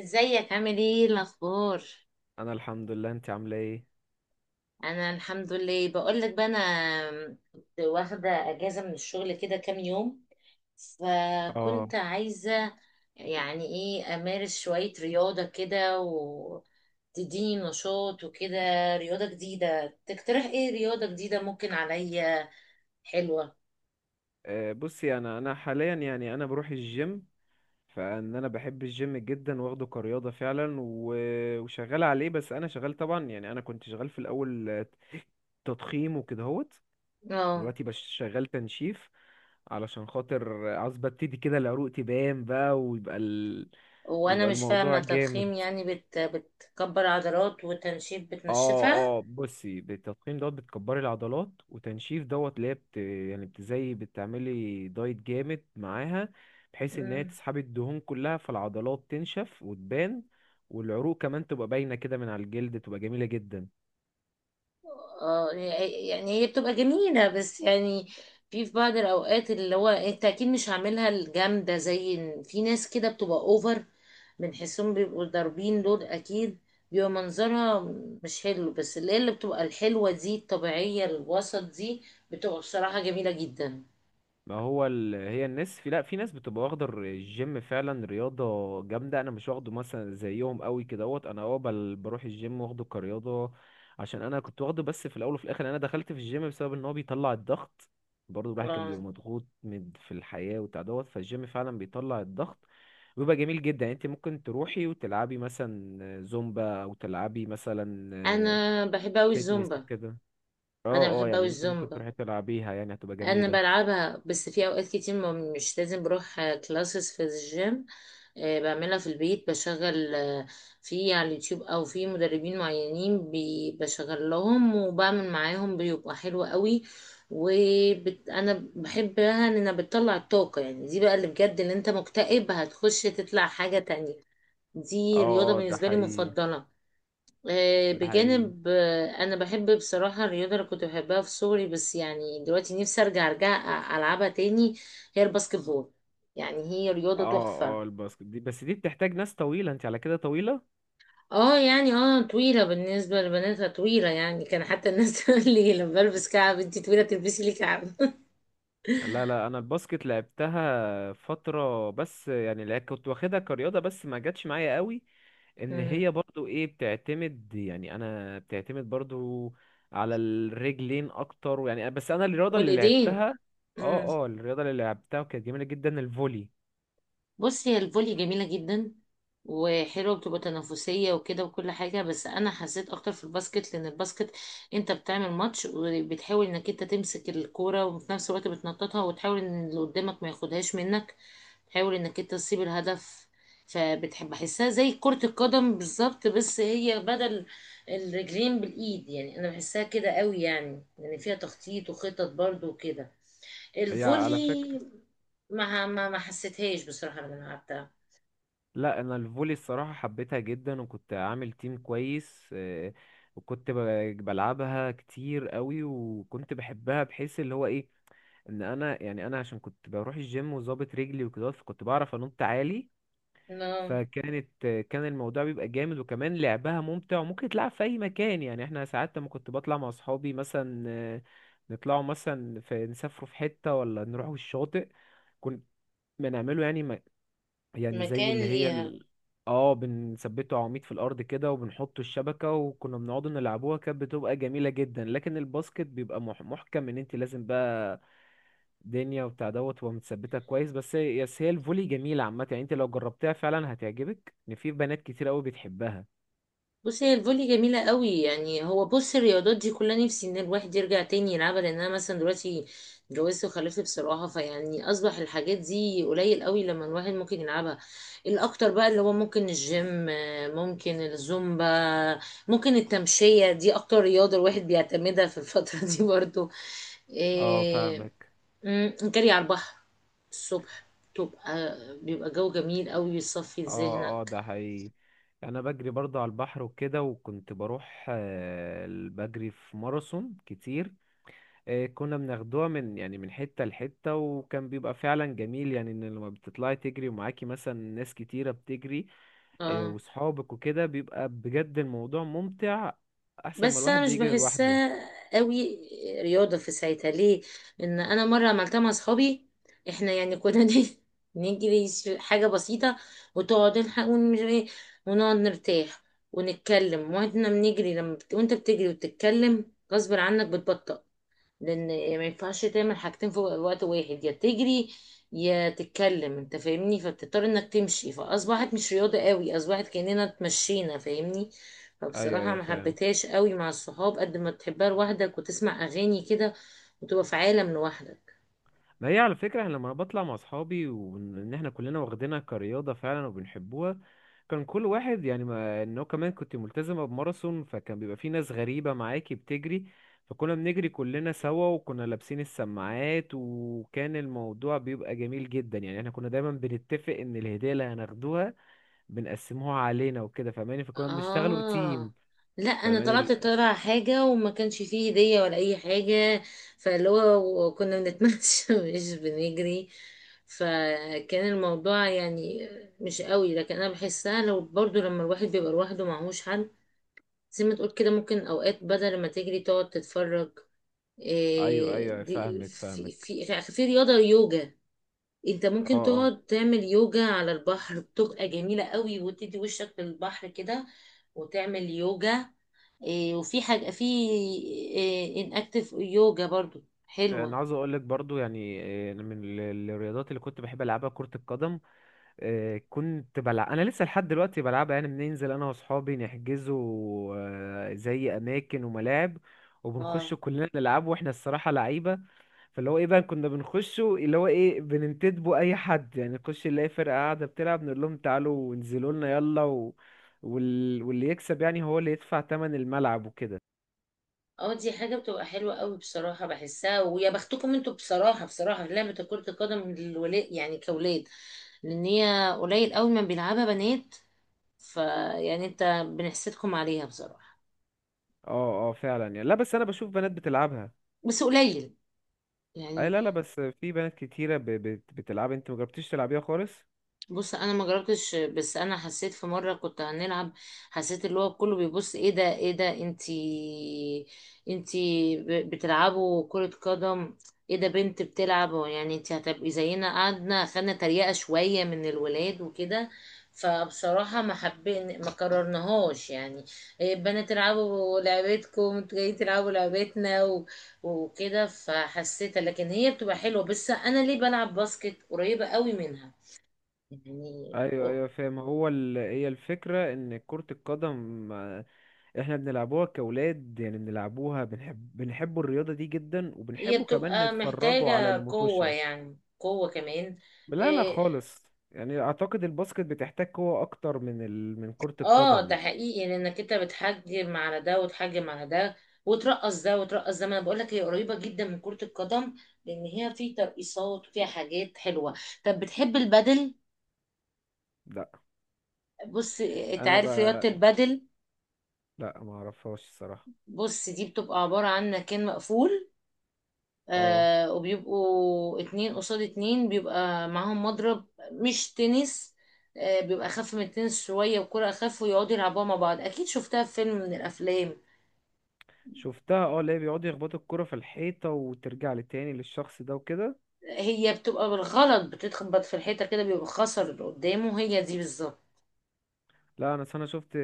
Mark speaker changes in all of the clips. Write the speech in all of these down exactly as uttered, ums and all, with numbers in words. Speaker 1: ازيك عامل ايه الاخبار؟
Speaker 2: انا الحمد لله، انت عامله ايه؟
Speaker 1: انا الحمد لله. بقول لك بقى، انا كنت واخده اجازه من الشغل كده كام يوم،
Speaker 2: اه.
Speaker 1: فكنت عايزه يعني ايه امارس شويه رياضه كده وتديني نشاط وكده. رياضه جديده، تقترح ايه رياضه جديده ممكن عليا حلوه.
Speaker 2: آه، بصي، انا انا حاليا يعني انا بروح الجيم، فان انا بحب الجيم جدا واخده كرياضه فعلا، و- وشغال عليه. بس انا شغال طبعا، يعني انا كنت شغال في الاول آه، تضخيم وكده هوت.
Speaker 1: اه.
Speaker 2: دلوقتي بش شغال تنشيف، علشان خاطر عاوز ببتدي كده العروق تبان بقى ويبقى ال...
Speaker 1: وانا
Speaker 2: يبقى
Speaker 1: مش
Speaker 2: الموضوع
Speaker 1: فاهمه
Speaker 2: جامد.
Speaker 1: تضخيم يعني بت... بتكبر عضلات، وتنشيف بتنشفها.
Speaker 2: اه اه، بصي، بالتضخيم دوت بتكبري العضلات، وتنشيف دوت اللي هي بت... يعني بتزي بتعملي دايت جامد معاها، بحيث ان هي تسحبي الدهون كلها فالعضلات تنشف وتبان، والعروق كمان تبقى باينة كده من على الجلد، تبقى جميلة جدا.
Speaker 1: اه يعني هي بتبقى جميلة بس يعني في في بعض الأوقات اللي هو انت أكيد مش هعملها الجامدة، زي إن في ناس كده بتبقى أوفر، بنحسهم بيبقوا ضاربين دول أكيد. بيبقى منظرها مش حلو، بس اللي هي اللي بتبقى الحلوة دي الطبيعية الوسط دي بتبقى بصراحة جميلة جدا.
Speaker 2: ما هو ال... هي الناس في، لا، في ناس بتبقى واخدة الجيم فعلا رياضة جامدة، انا مش واخده مثلا زيهم قوي كدهوت. انا اه بل- بروح الجيم واخده كرياضة، عشان انا كنت واخده بس في الاول وفي الاخر. انا دخلت في الجيم بسبب ان هو بيطلع الضغط، برضه الواحد كان
Speaker 1: اه.
Speaker 2: بيبقى مضغوط من في الحياة وبتاع دوت. فالجيم فعلا بيطلع الضغط وبيبقى جميل جدا. يعني انت ممكن تروحي وتلعبي مثلا زومبا، او تلعبي مثلا
Speaker 1: أنا بحب أوي
Speaker 2: فيتنس
Speaker 1: الزومبا.
Speaker 2: وكده.
Speaker 1: أنا
Speaker 2: اه اه،
Speaker 1: بحب أوي
Speaker 2: يعني انت ممكن
Speaker 1: الزومبا،
Speaker 2: تروحي تلعبيها، يعني هتبقى
Speaker 1: انا
Speaker 2: جميلة.
Speaker 1: بلعبها بس في اوقات كتير ما مش لازم بروح كلاسز في الجيم. آه، بعملها في البيت، بشغل آه، في على اليوتيوب او في مدربين معينين، بي- بشغل لهم وبعمل معاهم بيبقى حلو قوي. وانا بحبها ان انا بتطلع الطاقة يعني دي بقى اللي بجد اللي انت مكتئب هتخش تطلع حاجة تانية. دي رياضة
Speaker 2: اه اه ده
Speaker 1: بالنسبة لي
Speaker 2: حقيقي.
Speaker 1: مفضلة. آه،
Speaker 2: ده حقيقي.
Speaker 1: بجانب آه، انا بحب بصراحه الرياضه اللي كنت بحبها في صغري، بس يعني دلوقتي نفسي ارجع ارجع أ- العبها تاني. هي الباسكت بول، يعني هي رياضه
Speaker 2: اه
Speaker 1: تحفه.
Speaker 2: اه، الباسكت دي، بس دي بتحتاج ناس طويلة، انت على كده طويلة.
Speaker 1: اه يعني اه طويله، بالنسبه لبناتها طويله يعني، كان حتى الناس تقول لي لما بلبس كعب: انتي طويله تلبسي لي كعب
Speaker 2: لا لا، انا الباسكت لعبتها فترة بس، يعني لع- كنت واخدها كرياضة بس ما جاتش معايا قوي. ان
Speaker 1: مم.
Speaker 2: هي برضو ايه، بتعتمد، يعني انا بتعتمد برضو على الرجلين اكتر يعني، بس انا الرياضة اللي
Speaker 1: والايدين.
Speaker 2: لعبتها. اه اه، الرياضة اللي لعبتها وكانت جميلة جدا الفولي.
Speaker 1: بصي هي الفولي جميلة جدا وحلوة، بتبقى تنافسية وكده وكل حاجة، بس أنا حسيت أكتر في الباسكت لأن الباسكت أنت بتعمل ماتش وبتحاول إنك أنت تمسك الكورة وفي نفس الوقت بتنططها، وتحاول إن اللي قدامك ما ياخدهاش منك، تحاول إنك أنت تصيب الهدف. فبتحب أحسها زي كرة القدم بالظبط، بس هي بدل الرجلين بالإيد. يعني أنا بحسها كده قوي، يعني يعني فيها تخطيط وخطط برضو وكده.
Speaker 2: هي على فكرة،
Speaker 1: الفولي ما ما ما حسيتهاش بصراحة لما أنا لعبتها.
Speaker 2: لا، انا الفولي الصراحه حبيتها جدا، وكنت عامل تيم كويس، آه، وكنت ب- بلعبها كتير قوي، وكنت بحبها، بحيث اللي هو ايه ان انا، يعني انا عشان كنت بروح الجيم وظابط رجلي وكده، فكنت بعرف انط عالي.
Speaker 1: لا،
Speaker 2: فكانت آه، كان الموضوع بيبقى جامد، وكمان لعبها ممتع، وممكن تلعب في اي مكان. يعني احنا ساعات لما كنت بطلع مع اصحابي مثلا، آه، نطلعوا مثلا في، نسافروا في حته ولا نروحوا الشاطئ، كنا بنعمله يعني، يعني زي
Speaker 1: مكان
Speaker 2: اللي هي
Speaker 1: ليها.
Speaker 2: ال... اه، بنثبته عواميد في الارض كده، وبنحط الشبكه، وكنا بنقعد نلعبوها، كانت بتبقى جميله جدا. لكن الباسكت بيبقى مح... محكم، ان انت لازم بقى دنيا وبتاع دوت تبقى متثبته كويس. بس هي بس هي الفولي جميله عامه، يعني انت لو جربتها فعلا هتعجبك، ان في بنات كتير قوي بتحبها.
Speaker 1: بصي هي الفولي جميلة قوي، يعني هو بص الرياضات دي كلها نفسي ان الواحد يرجع تاني يلعبها، لان انا مثلا دلوقتي اتجوزت وخلفت بصراحة، فيعني اصبح الحاجات دي قليل قوي لما الواحد ممكن يلعبها. الاكتر بقى اللي هو ممكن الجيم، ممكن الزومبا، ممكن التمشية، دي اكتر رياضة الواحد بيعتمدها في الفترة دي برضو.
Speaker 2: اه
Speaker 1: إيه،
Speaker 2: فاهمك.
Speaker 1: مم، جري على البحر الصبح تبقى بيبقى جو جميل قوي، بيصفي
Speaker 2: اه اه
Speaker 1: ذهنك.
Speaker 2: ده حقيقي. انا بجري برضه على البحر وكده، وكنت بروح آه، بجري في ماراثون كتير. آه، كنا بناخدوها من، يعني من حتة لحتة، وكان بيبقى فعلا جميل. يعني ان لما بتطلعي تجري ومعاكي مثلا ناس كتيرة بتجري، آه،
Speaker 1: اه
Speaker 2: وصحابك وكده، بيبقى بجد الموضوع ممتع، احسن ما
Speaker 1: بس انا
Speaker 2: الواحد
Speaker 1: مش
Speaker 2: بيجري لوحده.
Speaker 1: بحسها قوي رياضه في ساعتها، ليه؟ ان انا مره عملتها مع اصحابي، احنا يعني كنا نيجي نجري ش- حاجه بسيطه، وتقعد نلحق ون- مش إيه، ونقعد نرتاح ونتكلم واحنا بنجري، لما بت... وانت بتجري وتتكلم غصب عنك بتبطأ، لان ما ينفعش تعمل حاجتين في وقت واحد، يا تجري يا تتكلم، انت فاهمني. فبتضطر انك تمشي، فاصبحت مش رياضة قوي، اصبحت كاننا اتمشينا، فاهمني.
Speaker 2: ايوه
Speaker 1: فبصراحة
Speaker 2: ايوه
Speaker 1: ما
Speaker 2: فاهم.
Speaker 1: حبيتهاش قوي مع الصحاب قد ما تحبها لوحدك وتسمع اغاني كده وتبقى في عالم لوحدك.
Speaker 2: ما هي على فكرة، أنا لما انا بطلع مع اصحابي، وان إن احنا كلنا واخدينها كرياضة فعلا وبنحبوها، كان كل واحد يعني، ما انه كمان كنت ملتزمة بماراثون، فكان بيبقى في ناس غريبة معاكي بتجري، فكنا بنجري كلنا سوا، وكنا لابسين السماعات، وكان الموضوع بيبقى جميل جدا. يعني احنا كنا دايما بنتفق ان الهدية اللي هناخدوها بنقسموها علينا وكده، فاهماني؟ فكنا بنشتغلوا
Speaker 1: اه
Speaker 2: تيم.
Speaker 1: لا انا
Speaker 2: فاهماني
Speaker 1: طلعت
Speaker 2: ال...
Speaker 1: طالعه حاجه وما كانش فيه هديه ولا اي حاجه، فاللي هو كنا بنتمشى مش بنجري، فكان الموضوع يعني مش قوي. لكن انا بحسها لو برضو لما الواحد بيبقى لوحده معهوش حد، زي ما تقول كده ممكن اوقات بدل ما تجري تقعد تتفرج.
Speaker 2: ايوه
Speaker 1: إيه
Speaker 2: ايوه
Speaker 1: دي
Speaker 2: فاهمك
Speaker 1: في
Speaker 2: فاهمك.
Speaker 1: في في رياضه يوجا، انت
Speaker 2: اه
Speaker 1: ممكن
Speaker 2: اه،
Speaker 1: تقعد تعمل يوجا على البحر، بتبقى جميلة قوي، وتدي وشك للبحر كده وتعمل يوجا. إيه وفي حاجة في إيه ان اكتف يوجا برضو
Speaker 2: انا
Speaker 1: حلوة.
Speaker 2: عاوز اقول لك برضو يعني آه، من ال- الرياضات اللي كنت بحب العبها كرة القدم. آه، كنت بلعب، انا لسه لحد دلوقتي بلعبها، يعني بننزل انا واصحابي نحجزوا آه، زي اماكن وملاعب،
Speaker 1: اه
Speaker 2: وبنخش كلنا نلعب، واحنا الصراحه لعيبه. فاللي هو ايه بقى، كنا بنخشه اللي هو ايه، بننتدبوا اي حد، يعني نخش نلاقي فرقه قاعده بتلعب نقول لهم تعالوا وانزلوا لنا يلا، و... وال... واللي يكسب يعني هو اللي يدفع تمن الملعب وكده.
Speaker 1: اه، دي حاجة بتبقى حلوة قوي بصراحة، بحسها ويا بختكم انتوا بصراحة، بصراحة في لعبة كرة القدم للولاد يعني كأولاد، لان هي قليل قوي ما بيلعبها بنات، فيعني انت بنحسدكم عليها بصراحة.
Speaker 2: اه اه فعلا، يعني لا، بس انا بشوف بنات بتلعبها.
Speaker 1: بس قليل
Speaker 2: اي
Speaker 1: يعني.
Speaker 2: لا لا، بس في بنات كتيره ب... بت... بتلعبها، انت مجربتيش تلعبيها خالص؟
Speaker 1: بص انا ما جربتش، بس انا حسيت في مره كنت هنلعب، حسيت اللي هو كله بيبص: ايه ده ايه ده انتي، انتي ب- بتلعبوا كره قدم؟ ايه ده بنت بتلعب؟ هو يعني انتي هتبقي زينا؟ قعدنا خدنا تريقه شويه من الولاد وكده، فبصراحه ما حبين ما قررناهاش يعني، إيه بنات تلعبوا لعبتكم، انتوا جايين تلعبوا لعبتنا و... وكده، فحسيتها. لكن هي بتبقى حلوه، بس انا ليه بلعب باسكت؟ قريبه قوي منها يعني،
Speaker 2: ايوه ايوه فاهم. هو ال... هي الفكره ان كره القدم، آه، احنا بنلعبوها كاولاد، يعني بنلعبوها، بنحب بنحبوا الرياضه دي جدا،
Speaker 1: هي
Speaker 2: وبنحبوا كمان
Speaker 1: بتبقى
Speaker 2: نتفرجوا على
Speaker 1: محتاجة قوة،
Speaker 2: المتوشه.
Speaker 1: يعني قوة كمان.
Speaker 2: لا لا
Speaker 1: إيه،
Speaker 2: خالص، يعني اعتقد الباسكت بتحتاج قوه اكتر من ال... من كره
Speaker 1: اه
Speaker 2: القدم
Speaker 1: ده
Speaker 2: يعني.
Speaker 1: حقيقي، لانك انت بتحجم على ده وتحجم على ده، وترقص ده وترقص ده، ما انا بقول لك هي قريبة جدا من كرة القدم، لان هي في ترقيصات وفيها حاجات حلوة. طب بتحب البدل؟
Speaker 2: لا
Speaker 1: بص إيه، انت
Speaker 2: انا ب...
Speaker 1: عارف رياضة البدل؟
Speaker 2: لا ما اعرفهاش الصراحه.
Speaker 1: بص دي بتبقى عبارة عن مكان مقفول،
Speaker 2: اه
Speaker 1: آه وبيبقوا اتنين قصاد اتنين بيبقى معاهم مضرب مش تنس، آه بيبقى أخف من التنس شوية، وكرة أخف، ويقعدوا يلعبوها مع بعض، أكيد شفتها في فيلم من الأفلام.
Speaker 2: شفتها، اه، اللي هي بيقعدوا يخبطوا الكره في الحيطه وترجع لتاني للشخص ده وكده.
Speaker 1: هي بتبقى بالغلط بتتخبط في الحيطة كده بيبقى خسر اللي قدامه، هي دي بالظبط.
Speaker 2: لا، انا انا شفت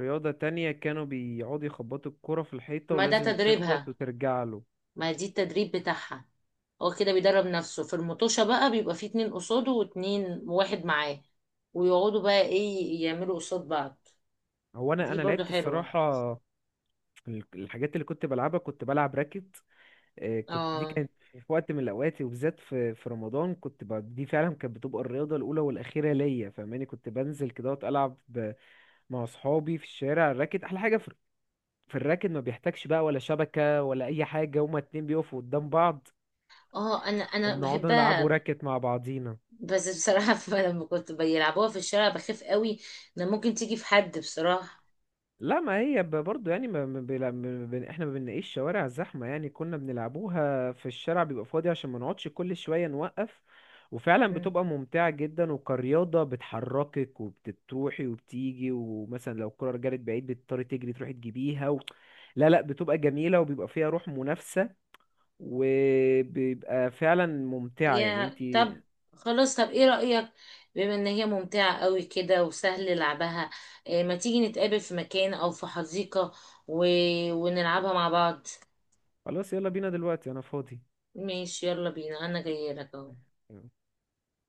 Speaker 2: رياضة تانية كانوا بيقعدوا يخبطوا الكرة في الحيطة،
Speaker 1: ما ده
Speaker 2: ولازم تخبط
Speaker 1: تدريبها،
Speaker 2: وترجع له.
Speaker 1: ما دي التدريب بتاعها، هو كده بيدرب نفسه في المطوشة بقى بيبقى فيه اتنين قصاده واتنين، واحد معاه ويقعدوا بقى ايه يعملوا قصاد بعض.
Speaker 2: هو انا
Speaker 1: دي
Speaker 2: انا
Speaker 1: برضو
Speaker 2: لعبت
Speaker 1: حلوة.
Speaker 2: الصراحة، ال- الحاجات اللي كنت بلعبها، كنت بلعب راكت. آه، كنت، دي
Speaker 1: اه
Speaker 2: كانت في وقت من الاوقات، وبالذات في في رمضان، كنت ب... دي فعلا كانت بتبقى الرياضة الاولى والاخيرة ليا، فاهماني؟ كنت بنزل كده وأقعد العب ب... مع اصحابي في الشارع الراكت. احلى حاجة في، في الراكت ما بيحتاجش بقى ولا شبكة ولا اي حاجة، هما اتنين بيقفوا قدام بعض
Speaker 1: اه انا انا
Speaker 2: وبنقعد نلعبوا
Speaker 1: بحبها.
Speaker 2: راكت مع بعضينا.
Speaker 1: بس بصراحة لما كنت بيلعبوها في الشارع بخاف قوي ان ممكن تيجي في حد بصراحة.
Speaker 2: لا، ما هي ب- برضو يعني، ما ما بيلا- ما بن- احنا ما بنلاقيش شوارع زحمة، يعني كنا بنلعبوها في الشارع بيبقى فاضي، عشان ما نقعدش كل شوية نوقف. وفعلا
Speaker 1: مم.
Speaker 2: بتبقى ممتعة جدا، وكرياضة بتحركك وبتروحي وبتيجي، ومثلا لو الكرة رجعت بعيد بتضطري تجري تروحي تجيبيها. و... لا لا، بتبقى جميلة، وبيبقى فيها روح منافسة، وبيبقى فعلا ممتعة يعني
Speaker 1: فيها طب،
Speaker 2: انتي.
Speaker 1: خلاص طب ايه رأيك، بما ان هي ممتعة قوي كده وسهل لعبها، إيه ما تيجي نتقابل في مكان او في حديقة و... ونلعبها مع بعض.
Speaker 2: خلاص يلا بينا دلوقتي، انا فاضي.
Speaker 1: ماشي، يلا بينا، انا جاية لك اهو.